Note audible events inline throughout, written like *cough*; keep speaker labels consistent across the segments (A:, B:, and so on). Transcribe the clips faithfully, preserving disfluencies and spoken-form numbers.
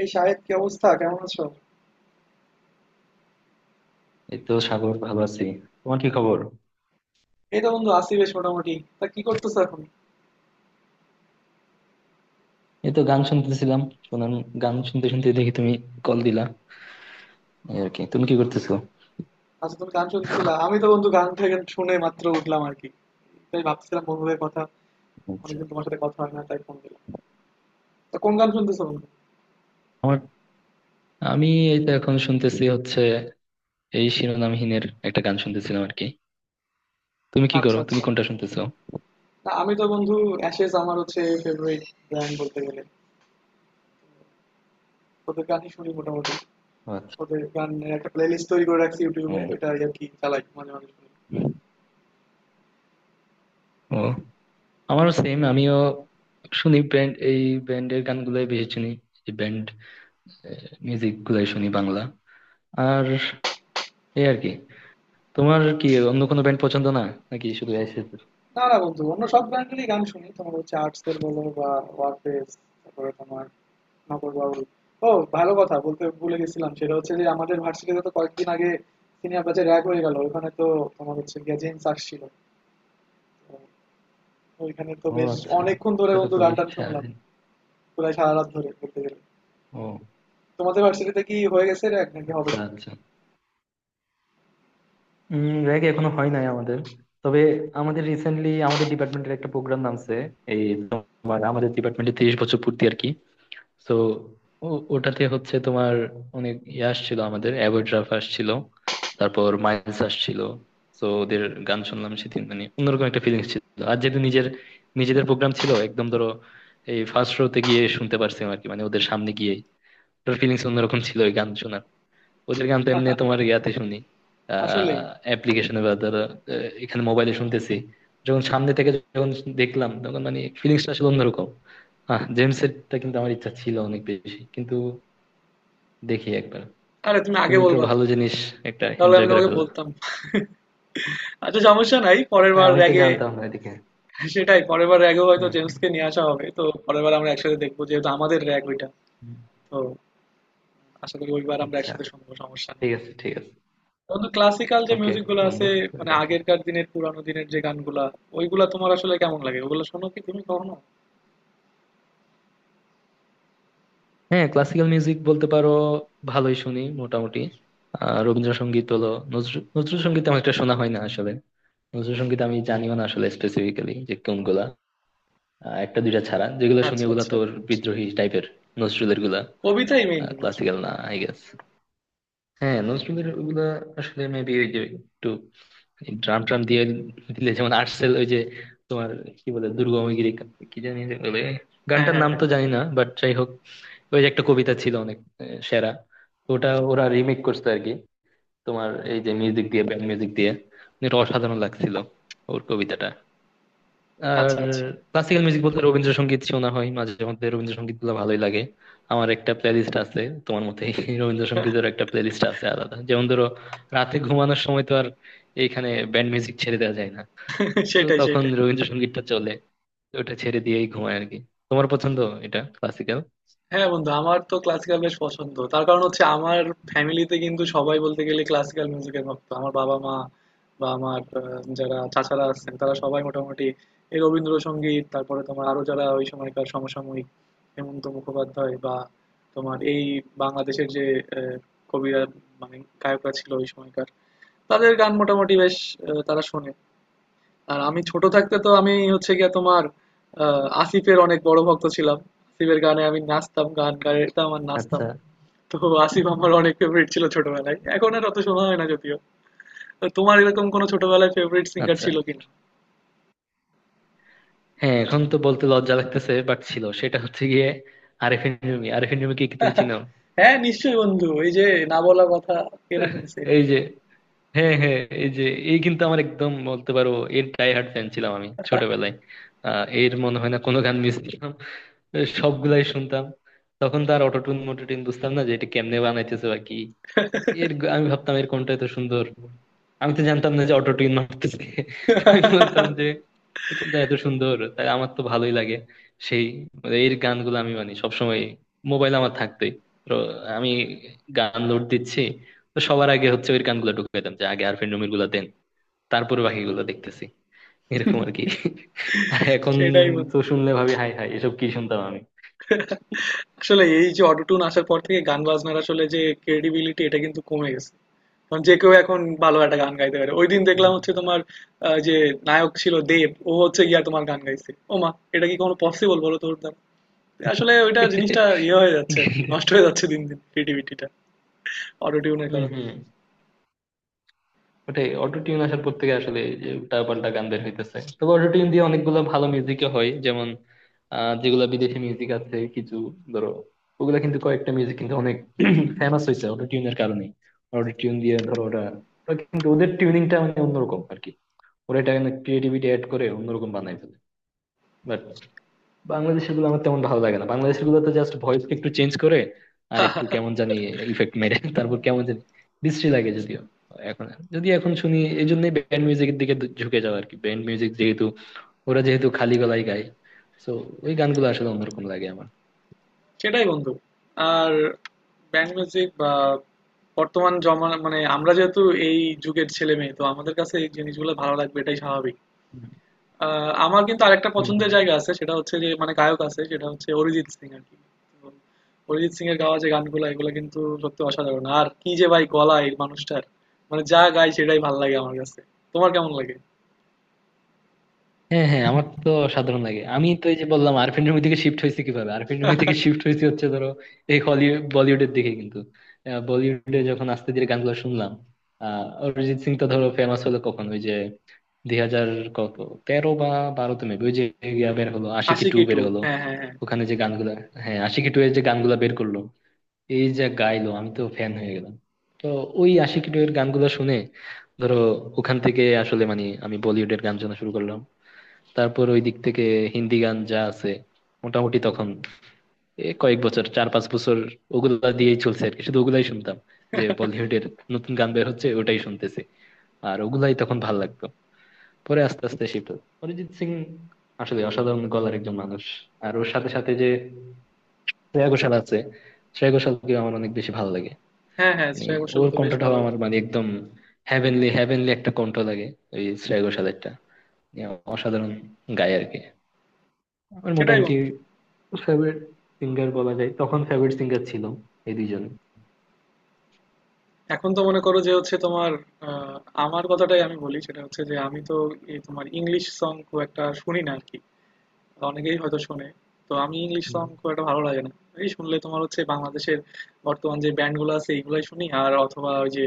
A: এই শাহেদ, কি অবস্থা? কেমন আছো?
B: এই তো সাগর, ভালো আছি। তোমার কি খবর?
A: এই তো বন্ধু, আছি বেশ মোটামুটি। তা কি করতেছো এখন?
B: এই তো গান শুনতেছিলাম, শোনান। গান শুনতে শুনতে দেখি তুমি কল দিলা, এই আর কি। তুমি কি করতেছো?
A: আচ্ছা, তুমি গান শুনছিলা। আমি তো বন্ধু গান থেকে শুনে মাত্র উঠলাম আর কি। তাই ভাবছিলাম বন্ধুদের কথা।
B: আচ্ছা,
A: অনেকদিন তোমার সাথে কথা হয় না, তাই ফোন দিলাম। তা কোন গান শুনতেছো বন্ধু?
B: আমার আমি এই তো এখন শুনতেছি হচ্ছে, এই শিরোনামহীনের একটা গান শুনতেছিলাম আর কি। তুমি কি
A: আচ্ছা,
B: করো, তুমি
A: আচ্ছা।
B: কোনটা শুনতেছো?
A: তা আমি তো বন্ধু, অ্যাশেজ আমার হচ্ছে ফেভারিট ব্যান্ড বলতে গেলে। ওদের গানই শুনি মোটামুটি।
B: ও আচ্ছা।
A: ওদের গানের একটা প্লেলিস্ট তৈরি করে রাখছি ইউটিউবে,
B: ও,
A: ওটা আর কি চালাই, মাঝে মাঝে শুনি।
B: ও আমারও সেম, আমিও শুনি ব্যান্ড, এই ব্যান্ডের গানগুলোই বেশি শুনি। এই ব্যান্ড মিউজিক গুলাই শুনি, বাংলা। আর এই আর কি, তোমার কি অন্য কোনো ব্যান্ড পছন্দ না, নাকি শুধু?
A: না না বন্ধু, অন্য সব ব্যান্ডেরই গান শুনি। তোমার হচ্ছে আর্টসের বলো বা ওয়ারফেস, তারপরে তোমার নগর বাউল। ও ভালো কথা, বলতে ভুলে গেছিলাম, সেটা হচ্ছে যে আমাদের ভার্সিটিতে তো কয়েকদিন আগে সিনিয়র ব্যাচে র্যাগ হয়ে গেল। ওখানে তো তোমার হচ্ছে গিয়ে জেমস আসছিল। তো ওইখানে তো
B: ও
A: বেশ
B: আচ্ছা।
A: অনেকক্ষণ ধরে
B: এটা তো
A: বন্ধু গান
B: খুবই
A: টান শুনলাম,
B: সারাদিন।
A: প্রায় সারা রাত ধরে বলতে গেলে।
B: ও
A: তোমাদের ভার্সিটিতে কি হয়ে গেছে র্যাগ, নাকি হবে
B: আচ্ছা,
A: না?
B: আচ্ছা। উম র্যাগ এখনো হয় নাই আমাদের। তবে আমাদের রিসেন্টলি আমাদের ডিপার্টমেন্টের একটা প্রোগ্রাম নামছে। এই তোমার, আমাদের ডিপার্টমেন্টে তিরিশ বছর পূর্তি আর কি। তো ওটাতে হচ্ছে তোমার অনেক ইয়ে আসছিল, আমাদের অ্যাভয়েড রাফ আসছিল, তারপর মাইলস আসছিল। তো ওদের গান শুনলাম সেদিন, মানে অন্যরকম একটা ফিলিংস ছিল। আর যেহেতু নিজের নিজেদের প্রোগ্রাম ছিল, একদম ধরো এই ফার্স্ট রোতে গিয়ে শুনতে পারছিলাম আর কি, মানে ওদের সামনে গিয়ে। ওটার ফিলিংস অন্যরকম ছিল ওই গান শোনার। ওদের গান তো এমনি তোমার ইয়াতে শুনি,
A: আসলেই।
B: আহ অ্যাপ্লিকেশনে বা ধরো, আহ, এখানে মোবাইলে শুনতেছি। যখন সামনে থেকে যখন দেখলাম তখন মানে ফিলিংসটা আসলে অন্যরকম। হ্যাঁ, জেমস এরটা কিন্তু আমার ইচ্ছা ছিল অনেক বেশি, কিন্তু দেখি একবার।
A: আরে, তুমি আগে
B: তুমি তো
A: বলবা তো,
B: ভালো জিনিস একটা
A: তাহলে আমি
B: এনজয় করে
A: তোমাকে
B: ফেললা।
A: বলতাম। আচ্ছা, সমস্যা নাই পরের
B: আরে
A: বার
B: আমি তো
A: র্যাগে।
B: জানতাম না এদিকে।
A: সেটাই, পরের বার র্যাগেও
B: হম
A: হয়তো
B: হম
A: জেমসকে নিয়ে আসা হবে। তো পরের বার আমরা একসাথে দেখবো, যেহেতু আমাদের র্যাগ ওইটা।
B: হম।
A: তো আশা করি ওইবার আমরা
B: আচ্ছা,
A: একসাথে শুনবো, সমস্যা নেই।
B: ঠিক আছে, ঠিক আছে।
A: বন্ধু, ক্লাসিক্যাল যে
B: ওকে
A: মিউজিক গুলো আছে,
B: বন্ধু, তুমি
A: মানে
B: দেখো।
A: আগেরকার দিনের পুরানো দিনের যে গানগুলা, ওইগুলা তোমার আসলে কেমন লাগে? ওগুলো শোনো কি তুমি কখনো?
B: হ্যাঁ, ক্লাসিক্যাল মিউজিক বলতে পারো ভালোই শুনি মোটামুটি। আহ রবীন্দ্রসঙ্গীত হলো, নজরুল নজরুল সঙ্গীত আমার একটা শোনা হয় না আসলে। নজরুলসঙ্গীত আমি জানিও না আসলে, স্পেসিফিক্যালি যে কোনগুলা। আহ, একটা দুইটা ছাড়া যেগুলো শুনি
A: আচ্ছা,
B: ওগুলা
A: আচ্ছা।
B: তোর বিদ্রোহী টাইপের নজরুলের গুলা।
A: কবিতাই মেইন নজরুল।
B: ক্লাসিক্যাল না আই গেস। হ্যাঁ, নজরুলের ওগুলা আসলে মেবি ওই যে একটু ড্রাম ট্রাম দিয়ে দিলে, যেমন আর্টসেল ওই যে তোমার কি বলে দুর্গমগিরি, কি জানি যে বলে,
A: হ্যাঁ,
B: গানটার
A: হ্যাঁ,
B: নাম
A: হ্যাঁ।
B: তো জানি না, বাট যাই হোক। ওই যে একটা কবিতা ছিল অনেক আহ, সেরা। ওটা ওরা রিমেক করছে আর কি, তোমার এই যে মিউজিক দিয়ে, ব্যান্ড মিউজিক দিয়ে। এটা অসাধারণ লাগছিল, ওর কবিতাটা। আর
A: আচ্ছা, আচ্ছা।
B: ক্লাসিক্যাল মিউজিক বলতে রবীন্দ্রসঙ্গীত শোনা হয় মাঝে মধ্যে, রবীন্দ্রসঙ্গীত গুলো ভালোই লাগে। আমার একটা প্লেলিস্ট আছে তোমার মতে, রবীন্দ্রসঙ্গীতের *laughs* একটা প্লেলিস্ট আছে আলাদা, যেমন ধরো রাতে ঘুমানোর সময় তো আর এইখানে ব্যান্ড মিউজিক ছেড়ে দেওয়া যায় না,
A: *laughs*
B: তো
A: সেটাই,
B: তখন
A: সেটাই।
B: রবীন্দ্রসঙ্গীতটা চলে, তো ওটা ছেড়ে দিয়েই ঘুমায় আর কি। তোমার পছন্দ, এটা ক্লাসিক্যাল।
A: হ্যাঁ বন্ধু, আমার তো ক্লাসিক্যাল বেশ পছন্দ। তার কারণ হচ্ছে আমার ফ্যামিলিতে কিন্তু সবাই বলতে গেলে ক্লাসিক্যাল মিউজিকের ভক্ত। আমার বাবা মা বা আমার আহ, যারা চাচারা আছেন তারা সবাই মোটামুটি এই রবীন্দ্রসঙ্গীত, তারপরে তোমার আরো যারা ওই সময়কার সমসাময়িক হেমন্ত মুখোপাধ্যায় বা তোমার এই বাংলাদেশের যে আহ, কবিরা, মানে গায়করা ছিল ওই সময়কার, তাদের গান মোটামুটি বেশ আহ, তারা শোনে। আর আমি ছোট থাকতে তো আমি হচ্ছে গিয়ে তোমার আহ, আসিফের অনেক বড় ভক্ত ছিলাম। আসিফের গানে আমি নাচতাম, গান গাইতাম আর নাচতাম।
B: আচ্ছা,
A: তো আসিফ আমার অনেক ফেভারিট ছিল ছোটবেলায়, এখন আর অত শোনা হয় না যদিও। তো তোমার এরকম কোনো ছোটবেলায় ফেভারিট সিঙ্গার
B: আচ্ছা।
A: ছিল কিনা?
B: হ্যাঁ, এখন তো বলতে লজ্জা লাগতেছে বাট ছিল, সেটা হচ্ছে গিয়ে আরেফিন রুমি, আরেফিন রুমি কি তুমি
A: *laughs*
B: চিনো?
A: হ্যাঁ, নিশ্চয়ই বন্ধু, এই যে না বলা কথা, কে না শুনছে
B: *laughs*
A: এটা?
B: এই যে, হ্যাঁ হ্যাঁ, এই যে, এই কিন্তু আমার একদম বলতে পারো এর ডাই হার্ড ফ্যান ছিলাম আমি ছোটবেলায়। আহ এর মনে হয় না কোনো গান মিস করলাম, সবগুলাই শুনতাম। তখন তো আর অটোটিউন মোটোটিউন বুঝতাম না যে এটা কেমনে বানাইতেছে বা কি। এর গ- আমি ভাবতাম এর কোনটা এত সুন্দর, আমি তো জানতাম না যে অটো টিউন মারতেছে। তো আমি বলতাম যে এর কোনটা এত সুন্দর, তাই আমার তো ভালোই লাগে। সেই মানে, এর গানগুলো আমি মানে সবসময়, মোবাইল আমার থাকতোই, তো আমি গান লোড দিচ্ছি, তো সবার আগে হচ্ছে ওই গানগুলো ঢুকিয়ে দিতাম যে আগে আরফিন রুমির গুলো দেন, তারপরে বাকিগুলো দেখতেছি, এরকম আর কি। আর এখন
A: সেটাই
B: তো
A: বন্ধু।
B: শুনলে ভাবি হাই হাই এসব কি শুনতাম আমি।
A: *laughs* আসলে এই যে অটোটুন আসার পর থেকে গান বাজনার আসলে যে ক্রেডিবিলিটি এটা কিন্তু কমে গেছে। কারণ যে কেউ এখন ভালো একটা গান গাইতে পারে। ওই দিন
B: হুম।
A: দেখলাম হচ্ছে তোমার আহ, যে নায়ক ছিল দেব, ও হচ্ছে গিয়া তোমার গান গাইছে। ও মা, এটা কি কোনো পসিবল বলো তোর দ্বারা? আসলে ওইটা জিনিসটা ইয়ে হয়ে যাচ্ছে আর কি,
B: *laughs*
A: নষ্ট হয়ে যাচ্ছে দিন দিন ক্রিয়েটিভিটিটা অটোটিউনের
B: হম
A: কারণে।
B: হম। ওটাই, অটো টিউন আসার পর থেকে আসলে এই যে উল্টা পাল্টা গান বের হইতেছে, তবে অটো টিউন দিয়ে অনেকগুলো ভালো মিউজিকও হয়, যেমন আহ যেগুলা বিদেশি মিউজিক আছে কিছু, ধরো, ওগুলা কিন্তু, কয়েকটা মিউজিক কিন্তু অনেক *clears throat* ফেমাস হয়েছে অটো টিউনের কারণে। অটো টিউন দিয়ে ধরো ওরা, ওরা কিন্তু ওদের টিউনিংটা মানে অন্যরকম আর কি। ওরা এটা ক্রিয়েটিভিটি অ্যাড করে অন্যরকম বানাই ফেলে। বাংলাদেশের গুলো আমার তেমন ভালো লাগে না, বাংলাদেশের গুলোতে জাস্ট ভয়েস একটু চেঞ্জ করে আর একটু কেমন জানি ইফেক্ট মেরে *laughs* তারপর কেমন জানি বিশ্রী লাগে যদিও এখন। যদি এখন শুনি, এই জন্যই ব্যান্ড মিউজিকের দিকে ঝু- ঝুঁকে যাওয়া আর কি, ব্যান্ড মিউজিক যেহেতু, ওরা যেহেতু খালি গলায় গায়, তো ওই গানগুলো আসলে অন্যরকম লাগে আমার।
A: সেটাই বন্ধু। আর ব্যান্ড মিউজিক বা বর্তমান জমা, মানে আমরা যেহেতু এই যুগের ছেলে মেয়ে, তো আমাদের কাছে এই জিনিসগুলো ভালো লাগবে এটাই স্বাভাবিক। আহ, আমার কিন্তু আরেকটা
B: হম
A: পছন্দের
B: হম।
A: জায়গা আছে, সেটা হচ্ছে যে মানে গায়ক আছে, সেটা হচ্ছে অরিজিৎ সিং আর কি। তো অরিজিৎ সিং এর গাওয়া যে গানগুলো, এগুলো কিন্তু সত্যি অসাধারণ আর কি। যে ভাই গলা এই মানুষটার, মানে যা গায় সেটাই ভালো লাগে আমার কাছে। তোমার কেমন লাগে?
B: হ্যাঁ হ্যাঁ, আমার তো সাধারণ লাগে, আমি তো এই যে বললাম আরফিন রুমি থেকে শিফট হয়েছে কিভাবে, আরফিন রুমি থেকে শিফট হয়েছে হচ্ছে ধরো এই হলিউড বলিউডের দিকে কিন্তু, আহ, বলিউডে যখন আস্তে ধীরে গানগুলো শুনলাম, আহ অরিজিৎ সিং তো ধরো ফেমাস হলো কখন, ওই যে দুই হাজার কত তেরো বা বারোতে মেবি, ওই যে ইয়া বের হলো, আশিকি টু
A: আশিকি টু।
B: বের হলো।
A: হ্যাঁ, হ্যাঁ, হ্যাঁ।
B: ওখানে যে গানগুলা, হ্যাঁ, আশিকি টু এর যে গানগুলা বের করলো, এই যে গাইলো, আমি তো ফ্যান হয়ে গেলাম। তো ওই আশিকি টু এর গানগুলো শুনে ধরো, ওখান থেকে আসলে মানে আমি বলিউডের গান শোনা শুরু করলাম। তারপর ওই দিক থেকে হিন্দি গান যা আছে মোটামুটি তখন এ কয়েক বছর, চার পাঁচ বছর, ওগুলা দিয়েই চলছে আর কি, শুধু ওগুলাই শুনতাম যে বলিউডের নতুন গান বের হচ্ছে ওটাই শুনতেছি, আর ওগুলাই তখন ভাল লাগতো। পরে আস্তে আস্তে শিফট অরিজিৎ সিং, আসলে অসাধারণ গলার একজন মানুষ। আর ওর সাথে সাথে যে শ্রেয়া ঘোষাল আছে, শ্রেয়া ঘোষালকে আমার অনেক বেশি ভালো লাগে।
A: হ্যাঁ, হ্যাঁ,
B: মানে
A: শ্রেয়া
B: ওর
A: ঘোষালও তো বেশ
B: কণ্ঠটাও
A: ভালো গান
B: আমার
A: গায়।
B: মানে একদম হ্যাভেনলি, হ্যাভেনলি একটা কণ্ঠ লাগে, ওই শ্রেয়া ঘোষালেরটা অসাধারণ গায় আর কি। আমার
A: সেটাই
B: মোটামুটি
A: বন্ধু।
B: ফেভারিট সিঙ্গার বলা যায়, তখন ফেভারিট সিঙ্গার ছিল এই দুইজন।
A: এখন তো মনে করো যে হচ্ছে তোমার আহ, আমার কথাটাই আমি বলি, সেটা হচ্ছে যে আমি তো এই তোমার ইংলিশ সং খুব একটা শুনি না আর কি। অনেকেই হয়তো শোনে, তো আমি ইংলিশ
B: হুম,
A: সং খুব একটা ভালো লাগে না। এই শুনলে তোমার হচ্ছে বাংলাদেশের বর্তমান যে ব্যান্ড গুলো আছে এইগুলাই শুনি। আর অথবা ওই যে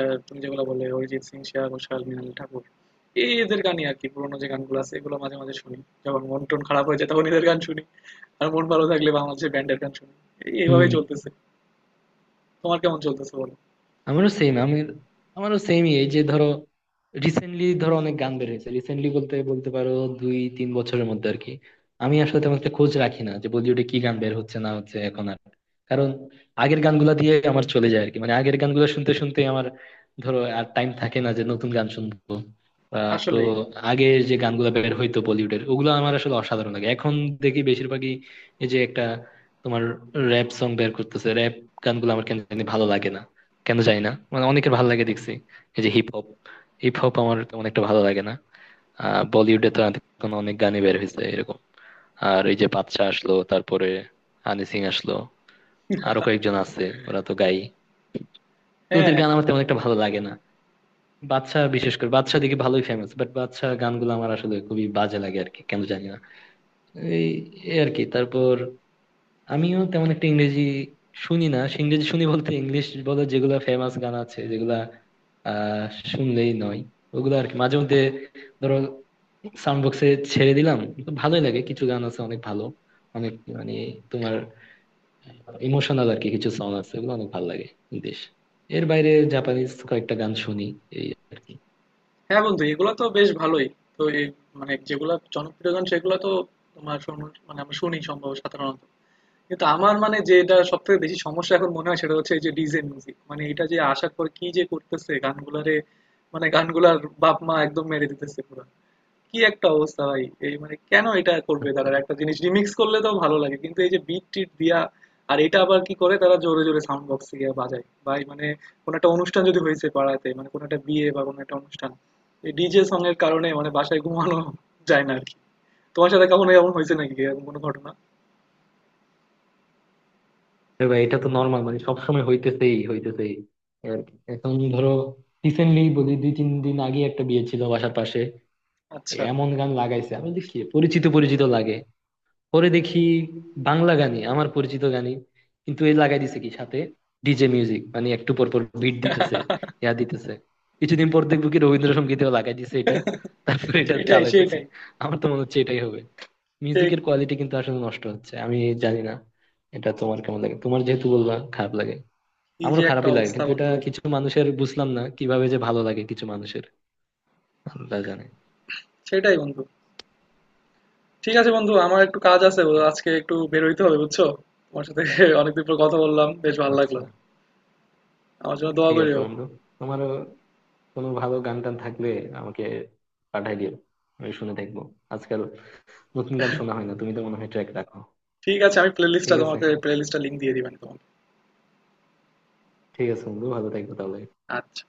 A: আহ, তুমি যেগুলো বলে অরিজিৎ সিং, শ্রেয়া ঘোষাল, মৃণাল ঠাকুর, এই এদের গানই আর কি। পুরোনো যে গানগুলো আছে এগুলো মাঝে মাঝে শুনি। যখন মন টন খারাপ হয়ে যায় তখন এদের গান শুনি, আর মন ভালো থাকলে বাংলাদেশের ব্যান্ডের গান শুনি। এই-
B: হুম।
A: এইভাবেই চলতেছে। তোমার কেমন চলতেছে বলো?
B: আমারও সেম, আমি, আমারও সেমই, এই যে ধরো রিসেন্টলি ধরো অনেক গান বের হয়েছে, রিসেন্টলি বলতে বলতে পারো দুই তিন বছরের মধ্যে আর কি। আমি আসলে তেমন একটা খোঁজ রাখি না যে বলিউডে কি গান বের হচ্ছে না হচ্ছে এখন আর, কারণ আগের গানগুলা দিয়ে আমার চলে যায় আর কি, মানে আগের গানগুলো শুনতে শুনতে আমার ধরো আর টাইম থাকে না যে নতুন গান শুনবো বা, তো
A: আসলেই।
B: আগে যে গানগুলো বের হইতো বলিউডের ওগুলো আমার আসলে অসাধারণ লাগে। এখন দেখি বেশিরভাগই এই যে একটা তোমার র্যাপ সং বের করতেছে, র্যাপ গানগুলো আমার কেন জানি ভালো লাগে না, কেন জানি না, মানে অনেকের ভালো লাগে দেখছি। এই যে হিপ হপ, হিপ হপ আমার তেমন একটা ভালো লাগে না। আহ বলিউডে তো এখন অনেক গানই বের হয়েছে এরকম। আর এই যে বাদশা আসলো, তারপরে হানি সিং আসলো, আরো কয়েকজন আছে ওরা তো গায়ই, তো ওদের
A: হ্যাঁ
B: গান আমার তেমন একটা ভালো লাগে না। বাদশা, বিশেষ করে বাদশা দেখি ভালোই ফেমাস, বাট বাদশা গানগুলো আমার আসলে খুবই বাজে লাগে আর কি, কেন জানি না। এই এই আর কি তারপর আমিও তেমন একটা ইংরেজি শুনি না, সে ইংরেজি শুনি বলতে ইংলিশ বলে যেগুলা ফেমাস গান আছে যেগুলা আহ শুনলেই নয়, ওগুলো আর কি মাঝে মধ্যে, ধরো সাউন্ড বক্সে ছেড়ে দিলাম, তো ভালোই লাগে। কিছু গান আছে অনেক ভালো, অনেক মানে তোমার ইমোশনাল আর কি কিছু সং আছে, ওগুলো অনেক ভালো লাগে। দেশ এর বাইরে জাপানিজ কয়েকটা গান শুনি, এই আর কি।
A: হ্যাঁ বন্ধু, এগুলো তো বেশ ভালোই। তো এই মানে যেগুলো জনপ্রিয় গান সেগুলো তো তোমার শোনো- মানে আমরা শুনি সম্ভবত সাধারণত। কিন্তু আমার মানে যে এটা সব থেকে বেশি সমস্যা এখন মনে হয় সেটা হচ্ছে এই যে ডিজে মিউজিক, মানে এটা যে আসার পর কি যে করতেছে গানগুলারে, মানে গানগুলার বাপ মা একদম মেরে দিতেছে পুরো। কি একটা অবস্থা ভাই, এই মানে কেন এটা করবে তারা? একটা জিনিস রিমিক্স করলে তো ভালো লাগে, কিন্তু এই যে বিট টিট দিয়া আর এটা আবার কি করে তারা জোরে জোরে সাউন্ড বক্স দিয়ে বাজায় ভাই। মানে কোনো একটা অনুষ্ঠান যদি হয়েছে পাড়াতে, মানে কোনো একটা বিয়ে বা কোনো একটা অনুষ্ঠান, এই ডিজে সং এর কারণে মানে বাসায় ঘুমানো যায় না আর কি। তোমার সাথে কখনো এমন হয়েছে নাকি এরকম কোনো ঘটনা?
B: এর বাইরে এটা তো নর্মাল, মানে সবসময় হইতেছেই হইতেছেই, এই আর কি। এখন ধরো রিসেন্টলি বলি, দুই তিন দিন আগে একটা বিয়ে ছিল বাসার পাশে।
A: আচ্ছা।
B: এমন গান লাগাইছে, আমি বলি কি পরিচিত পরিচিত লাগে, পরে দেখি বাংলা গানই, আমার পরিচিত গানই, কিন্তু এই লাগাই দিছে কি সাথে ডিজে মিউজিক, মানে একটু পর পর বিট দিতেছে, ইয়া দিতেছে। কিছুদিন পর দেখবো কি রবীন্দ্রসঙ্গীতেও লাগাই দিছে এটা, তারপরে এটা
A: সেটাই,
B: চালাইতেছে।
A: সেটাই।
B: আমার তো মনে হচ্ছে এটাই হবে,
A: সে
B: মিউজিকের কোয়ালিটি কিন্তু আসলে নষ্ট হচ্ছে। আমি জানি না এটা তোমার কেমন লাগে, তোমার যেহেতু বললা খারাপ লাগে।
A: কি যে
B: আমারও
A: একটা
B: খারাপই লাগে,
A: অবস্থা
B: কিন্তু এটা
A: বন্ধু।
B: কিছু মানুষের, বুঝলাম না কিভাবে যে ভালো লাগে কিছু মানুষের। আল্লাহ জানে।
A: সেটাই বন্ধু। ঠিক আছে বন্ধু, আমার একটু কাজ আছে, ও আজকে একটু বের হইতে হবে, বুঝছো? তোমার সাথে *laughs* অনেকদিন পর কথা বললাম, বেশ ভালো লাগলো।
B: আচ্ছা।
A: আমার জন্য দোয়া
B: ঠিক আছে
A: করিও।
B: বন্ধু, তোমারও কোনো ভালো গান টান থাকলে আমাকে পাঠাই দিও, আমি শুনে দেখবো। আজকাল নতুন গান শোনা হয় না, তুমি তো মনে হয় ট্র্যাক রাখো।
A: ঠিক আছে, আমি প্লে লিস্টটা
B: ঠিক আছে,
A: তোমাকে প্লে লিস্টটা লিঙ্ক দিয়ে দিবেন তোমাকে।
B: ঠিক আছে বন্ধু, ভালো থাকবো তাহলে।
A: আচ্ছা।